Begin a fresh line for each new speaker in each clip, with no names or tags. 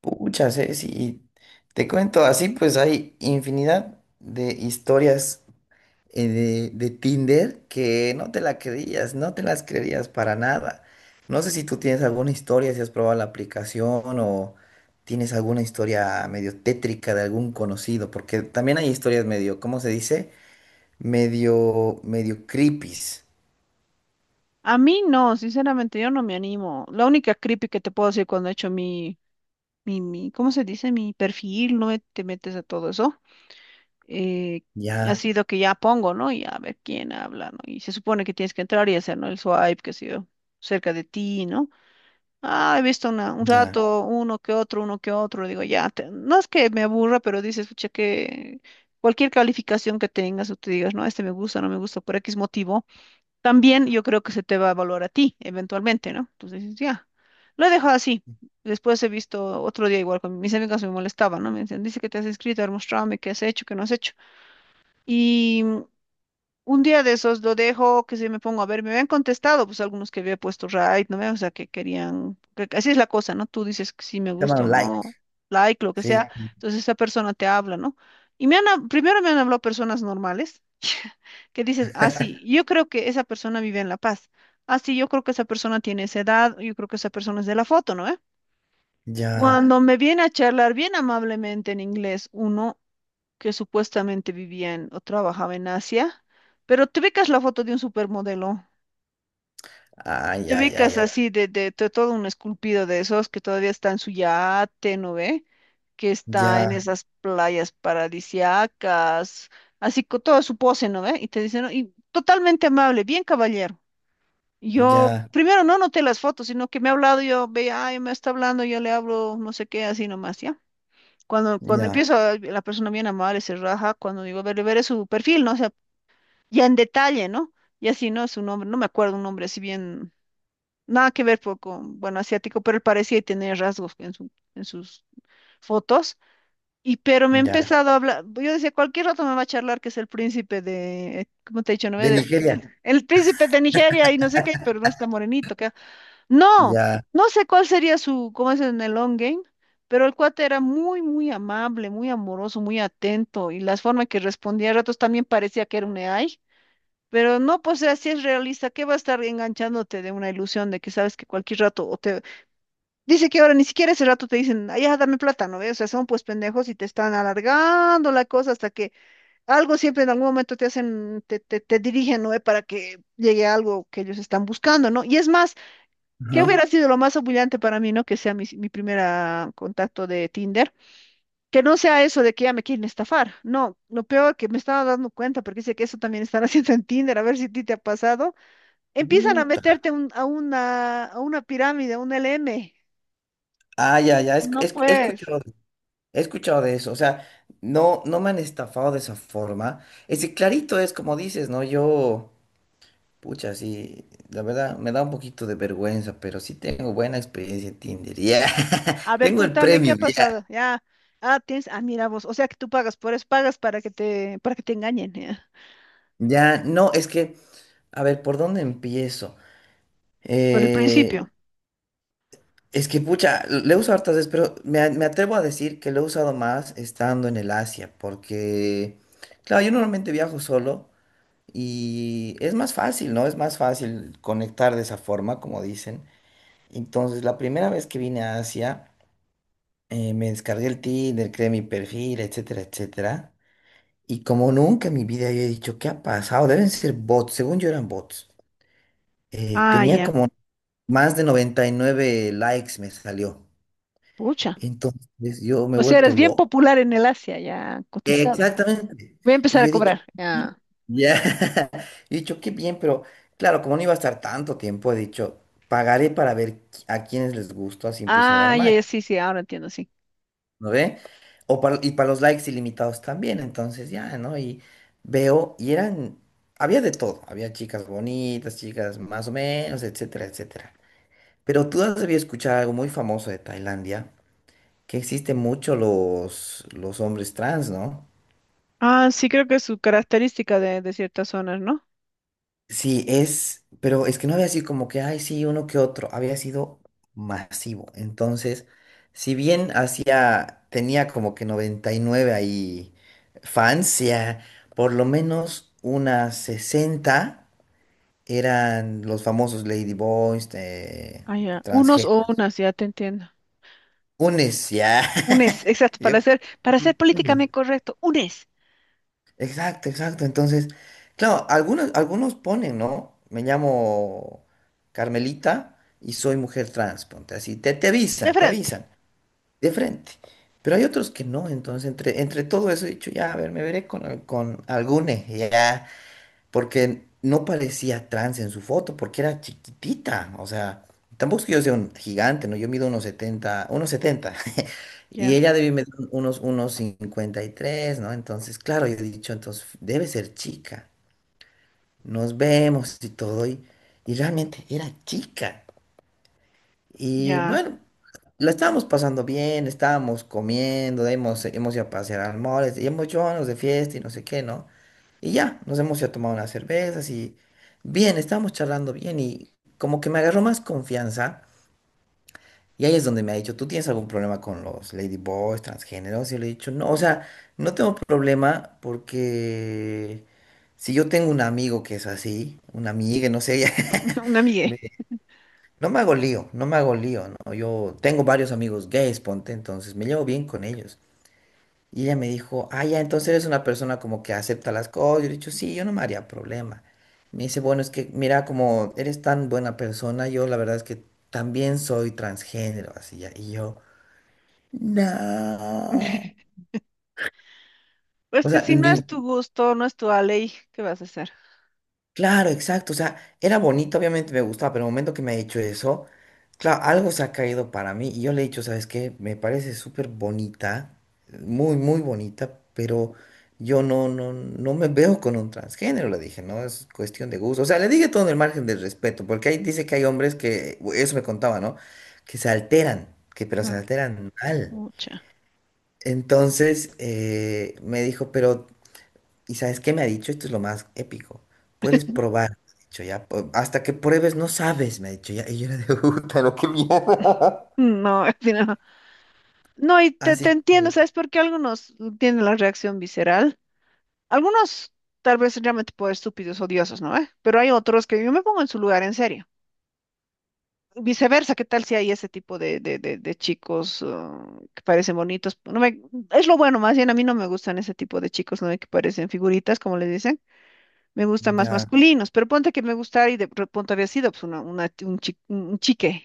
Pucha, Ceci, te cuento así, pues hay infinidad de historias de Tinder que no te la creías, no te las creerías para nada. No sé si tú tienes alguna historia, si has probado la aplicación o tienes alguna historia medio tétrica de algún conocido, porque también hay historias medio, ¿cómo se dice? Medio, medio creepies.
A mí no, sinceramente, yo no me animo. La única creepy que te puedo decir cuando he hecho mi, ¿cómo se dice? Mi perfil, no te metes a todo eso. eh, Ha
Ya,
sido que ya pongo, ¿no? Y a ver quién habla, ¿no? Y se supone que tienes que entrar y hacer, ¿no? El swipe, qué sé yo, cerca de ti, ¿no? Ah, he visto una, un
ya.
rato, uno que otro, digo, ya, no es que me aburra, pero dices, pucha, que cualquier calificación que tengas o te digas, no, este me gusta, no me gusta, por X motivo, también yo creo que se te va a evaluar a ti eventualmente, ¿no? Entonces dices, ya, lo he dejado así. Después he visto otro día igual con mis amigas me molestaban, ¿no? Me decían, dice que te has inscrito, a ver, muéstrame qué has hecho, qué no has hecho. Y un día de esos lo dejo, que si me pongo a ver, me habían contestado, pues algunos que había puesto right, ¿no ve? O sea, que querían, así es la cosa, ¿no? Tú dices que si me
Se
gusta
llaman
o
like,
no, like, lo que sea,
sí, sí,
entonces esa persona te habla, ¿no? Y primero me han hablado personas normales, que dices, ah, sí, yo creo que esa persona vive en La Paz, ah, sí, yo creo que esa persona tiene esa edad, yo creo que esa persona es de la foto, ¿no eh?
ya.
Cuando me viene a charlar bien amablemente en inglés, uno que supuestamente vivían o trabajaba en Asia, pero te ubicas la foto de un supermodelo,
Ay,
te
ay, ay,
ubicas
ay,
así todo un esculpido de esos que todavía está en su yate, ¿no ve? Que está en
ya,
esas playas paradisiacas, así con toda su pose, ¿no ve? Y te dicen, "No, y totalmente amable, bien caballero." Yo
ya.
primero no noté las fotos, sino que me ha hablado, yo veía, ay, me está hablando, yo le hablo, no sé qué, así nomás, ¿ya? Cuando,
Ya,
empiezo, la persona bien amable se raja, cuando digo, a ver, veré su perfil, ¿no? Ya en detalle, ¿no? Y así, ¿no? Su nombre, no me acuerdo un nombre así bien, nada que ver con, bueno, asiático, pero él parecía tener rasgos en sus fotos. Y pero me ha
ya.
empezado a hablar, yo decía, cualquier rato me va a charlar que es el príncipe de, ¿cómo te he dicho? ¿No?
De Nigeria.
El príncipe de Nigeria y no sé qué, pero no está morenito, que no,
Ya.
no sé cuál sería su, cómo es en el long game, pero el cuate era muy, muy amable, muy amoroso, muy atento y las formas que respondía a ratos también parecía que era un AI. Pero no, pues así es realista, ¿qué va a estar enganchándote de una ilusión de que sabes que cualquier rato o te dice que ahora ni siquiera ese rato te dicen, "Ay, ya, dame plata, ¿no ves? O sea, son pues pendejos y te están alargando la cosa hasta que algo siempre en algún momento te hacen, te dirigen, ¿no ve? Para que llegue a algo que ellos están buscando, ¿no? Y es más, ¿qué
Ajá.
hubiera sido lo más humillante para mí, ¿no? Que sea mi primer contacto de Tinder. Que no sea eso de que ya me quieren estafar. No, lo peor que me estaba dando cuenta, porque dice que eso también están haciendo en Tinder, a ver si a ti te ha pasado. Empiezan a
Puta.
meterte a una pirámide, a un LM.
Ah, ya, ya.
No
He
pues.
escuchado, he escuchado de eso. O sea, no, no me han estafado de esa forma. Ese clarito es como dices, ¿no? Yo, pucha, sí, la verdad, me da un poquito de vergüenza, pero sí tengo buena experiencia en Tinder. Ya.
A ver,
Tengo el
contame qué
premio,
ha
ya.
pasado. Ya. Ah, tienes. Ah, mira vos. O sea que tú pagas por eso, pagas para que te engañen, ya.
Ya, no, es que, a ver, ¿por dónde empiezo?
Por el
Eh,
principio.
Es que, pucha, le uso hartas veces, pero me atrevo a decir que lo he usado más estando en el Asia, porque, claro, yo normalmente viajo solo y es más fácil, ¿no? Es más fácil conectar de esa forma, como dicen. Entonces, la primera vez que vine a Asia, me descargué el Tinder, creé mi perfil, etcétera, etcétera. Y como nunca en mi vida había dicho, ¿qué ha pasado? Deben ser bots, según yo eran bots.
Ah,
Tenía
ya.
como más de 99 likes, me salió.
Pucha.
Entonces yo me he
O sea,
vuelto
eres bien
loco.
popular en el Asia, ya cotizado.
Exactamente.
Voy a
Y
empezar a
yo he dicho,
cobrar.
"Sí",
Ya.
ya, he dicho, qué bien, pero claro, como no iba a estar tanto tiempo, he dicho, pagaré para ver a quienes les gusta, así empiezo a dar
Ah, ya,
match,
ya, sí, sí, ahora entiendo, sí.
¿no ve? O para, y para los likes ilimitados también, entonces ya, ¿no? Y veo, había de todo, había chicas bonitas, chicas más o menos, etcétera, etcétera. Pero tú has debido escuchar algo muy famoso de Tailandia, que existen mucho los hombres trans, ¿no?
Ah, sí, creo que es su característica de ciertas zonas, ¿no?
Sí, es, pero es que no había sido como que, ay, sí, uno que otro, había sido masivo. Entonces, si bien tenía como que 99 ahí fans, ya por lo menos unas 60 eran los famosos Lady Boys,
Ah, ya. Unos
transgénero,
o unas, ya te entiendo.
unes, ya,
Unes, exacto,
yo creo
para ser
que unes.
políticamente correcto, unes.
Exacto, exacto. Entonces, claro, algunos ponen, ¿no? Me llamo Carmelita y soy mujer trans, ponte así. Te
De
avisan, te
frente.
avisan, de frente. Pero hay otros que no, entonces entre todo eso he dicho, ya, a ver, me veré con, con algune, ya porque no parecía trans en su foto, porque era chiquitita, o sea, tampoco es que yo sea un gigante, ¿no? Yo mido unos setenta, y
Ya,
ella debe medir unos 53, ¿no? Entonces, claro, yo he dicho, entonces, debe ser chica, nos vemos y todo, y realmente era chica. Y
ya,
bueno, la estábamos pasando bien, estábamos comiendo, de ahí hemos ido a pasear al mall, este, y hemos hecho unos de fiesta y no sé qué, ¿no? Y ya, nos hemos ido a tomar unas cervezas y bien, estábamos charlando bien y como que me agarró más confianza. Y ahí es donde me ha dicho, ¿tú tienes algún problema con los ladyboys, transgéneros? Y le he dicho, no, o sea, no tengo problema porque si yo tengo un amigo que es así, una amiga, no sé,
una mie.
me- no me hago lío, no me hago lío, ¿no? Yo tengo varios amigos gays, ponte, entonces me llevo bien con ellos. Y ella me dijo, ah, ya, entonces eres una persona como que acepta las cosas. Yo le he dicho, sí, yo no me haría problema. Me dice, bueno, es que mira, como eres tan buena persona, yo la verdad es que también soy transgénero, así ya. Y yo, no.
Pues
O
que
sea,
si no
ni,
es tu gusto, no es tu ley, ¿qué vas a hacer?
claro, exacto. O sea, era bonito, obviamente me gustaba, pero el momento que me ha hecho eso, claro, algo se ha caído para mí. Y yo le he dicho, ¿sabes qué? Me parece súper bonita, muy, muy bonita, pero yo no, no, no me veo con un transgénero, le dije, ¿no? Es cuestión de gusto. O sea, le dije todo en el margen del respeto, porque ahí dice que hay hombres que, eso me contaba, ¿no? Que se alteran, que pero se
No,
alteran mal.
mucha.
Entonces me dijo, pero. ¿Y sabes qué me ha dicho? Esto es lo más épico. Puedes probar, me ha dicho ya. Hasta que pruebes no sabes, me ha dicho ya. Y yo era de puta, no, qué mierda.
No, así no. No, y te,
Así
te entiendo,
que
¿sabes por qué algunos tienen la reacción visceral? Algunos tal vez realmente por estúpidos, odiosos, ¿no? ¿Eh? Pero hay otros que yo me pongo en su lugar, en serio. Viceversa, ¿qué tal si hay ese tipo de chicos que parecen bonitos? No me, es lo bueno, más bien a mí no me gustan ese tipo de chicos, ¿no? Que parecen figuritas, como les dicen. Me gustan más
ya,
masculinos, pero ponte que me gustara y de pronto había sido pues, un chique.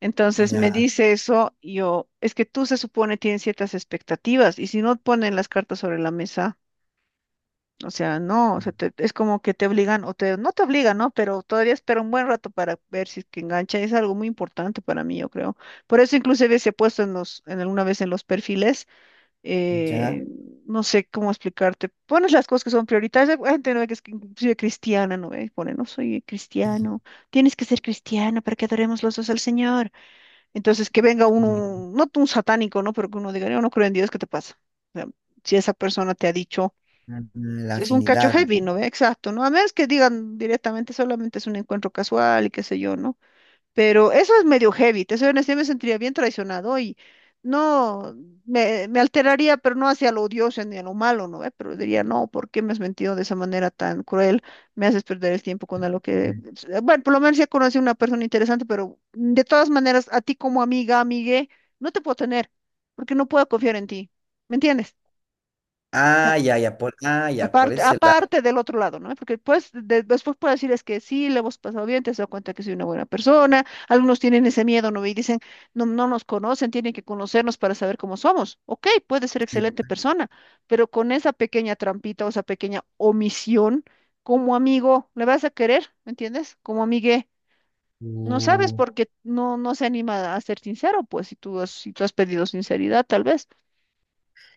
Entonces me
ya,
dice eso, y yo, es que tú se supone tienes ciertas expectativas y si no ponen las cartas sobre la mesa, o sea, no, o sea, es como que te obligan o te, no te obligan, ¿no? Pero todavía espera un buen rato para ver si es que engancha, es algo muy importante para mí, yo creo. Por eso inclusive se ha puesto en los, en alguna vez en los perfiles
ya.
eh, no sé cómo explicarte, pones las cosas que son prioritarias, hay gente no que es que inclusive cristiana, no ve, pone, no soy
eh,
cristiano, tienes que ser cristiano para que adoremos los dos al Señor. Entonces que venga uno, no un satánico, ¿no? Pero que uno diga, yo no creo en Dios, ¿qué te pasa? O sea, si esa persona te ha dicho,
La
es un cacho
afinidad,
heavy,
¿no?
¿no ve? Exacto, ¿no? A menos que digan directamente, solamente es un encuentro casual y qué sé yo, ¿no? Pero eso es medio heavy, te soy honesta, yo me sentiría bien traicionado y no, me alteraría, pero no hacia lo odioso ni a lo malo, ¿no ve? Pero diría, no, ¿por qué me has mentido de esa manera tan cruel? Me haces perder el tiempo con algo que, bueno, por lo menos ya conocí a una persona interesante, pero de todas maneras, a ti como amiga, amigue, no te puedo tener, porque no puedo confiar en ti, ¿me entiendes?
Ah, ya, ya, por, ah, ya, por
Aparte,
ese lado.
aparte del otro lado, ¿no? Porque pues, después puedo decirles que sí, le hemos pasado bien, te has dado cuenta que soy una buena persona. Algunos tienen ese miedo, ¿no? Y dicen, no, no nos conocen, tienen que conocernos para saber cómo somos. Ok, puede ser
Sí,
excelente persona, pero con esa pequeña trampita o esa pequeña omisión, como amigo, le vas a querer, ¿me entiendes? Como amigue, no sabes
Uh,
porque no, no se anima a ser sincero, pues, si tú has, si tú has pedido sinceridad, tal vez.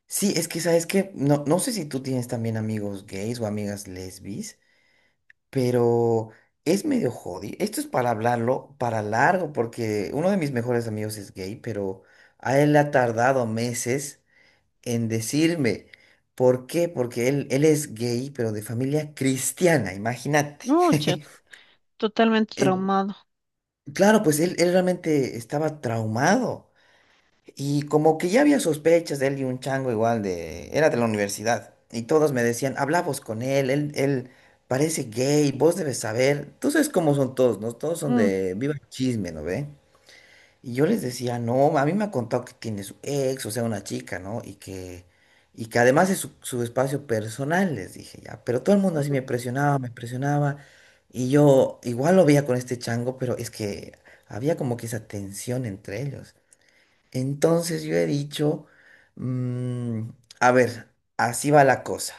sí, es que, ¿sabes qué? No, no sé si tú tienes también amigos gays o amigas lesbis. Pero es medio jodido. Esto es para hablarlo para largo, porque uno de mis mejores amigos es gay, pero a él le ha tardado meses en decirme. ¿Por qué? Porque él es gay, pero de familia cristiana, imagínate.
No, chat, totalmente
Eh,
traumado.
claro, pues él realmente estaba traumado. Y como que ya había sospechas de él y un chango igual de... Era de la universidad. Y todos me decían, hablamos con él, parece gay, vos debes saber. Tú sabes cómo son todos, ¿no? Todos son
Mm.
de viva el chisme, ¿no ve? Y yo les decía, no, a mí me ha contado que tiene su ex, o sea, una chica, ¿no? Y que además es su, su espacio personal, les dije ya. Pero todo el mundo así me presionaba, me presionaba. Y yo igual lo veía con este chango, pero es que había como que esa tensión entre ellos. Entonces yo he dicho, mm, a ver, así va la cosa.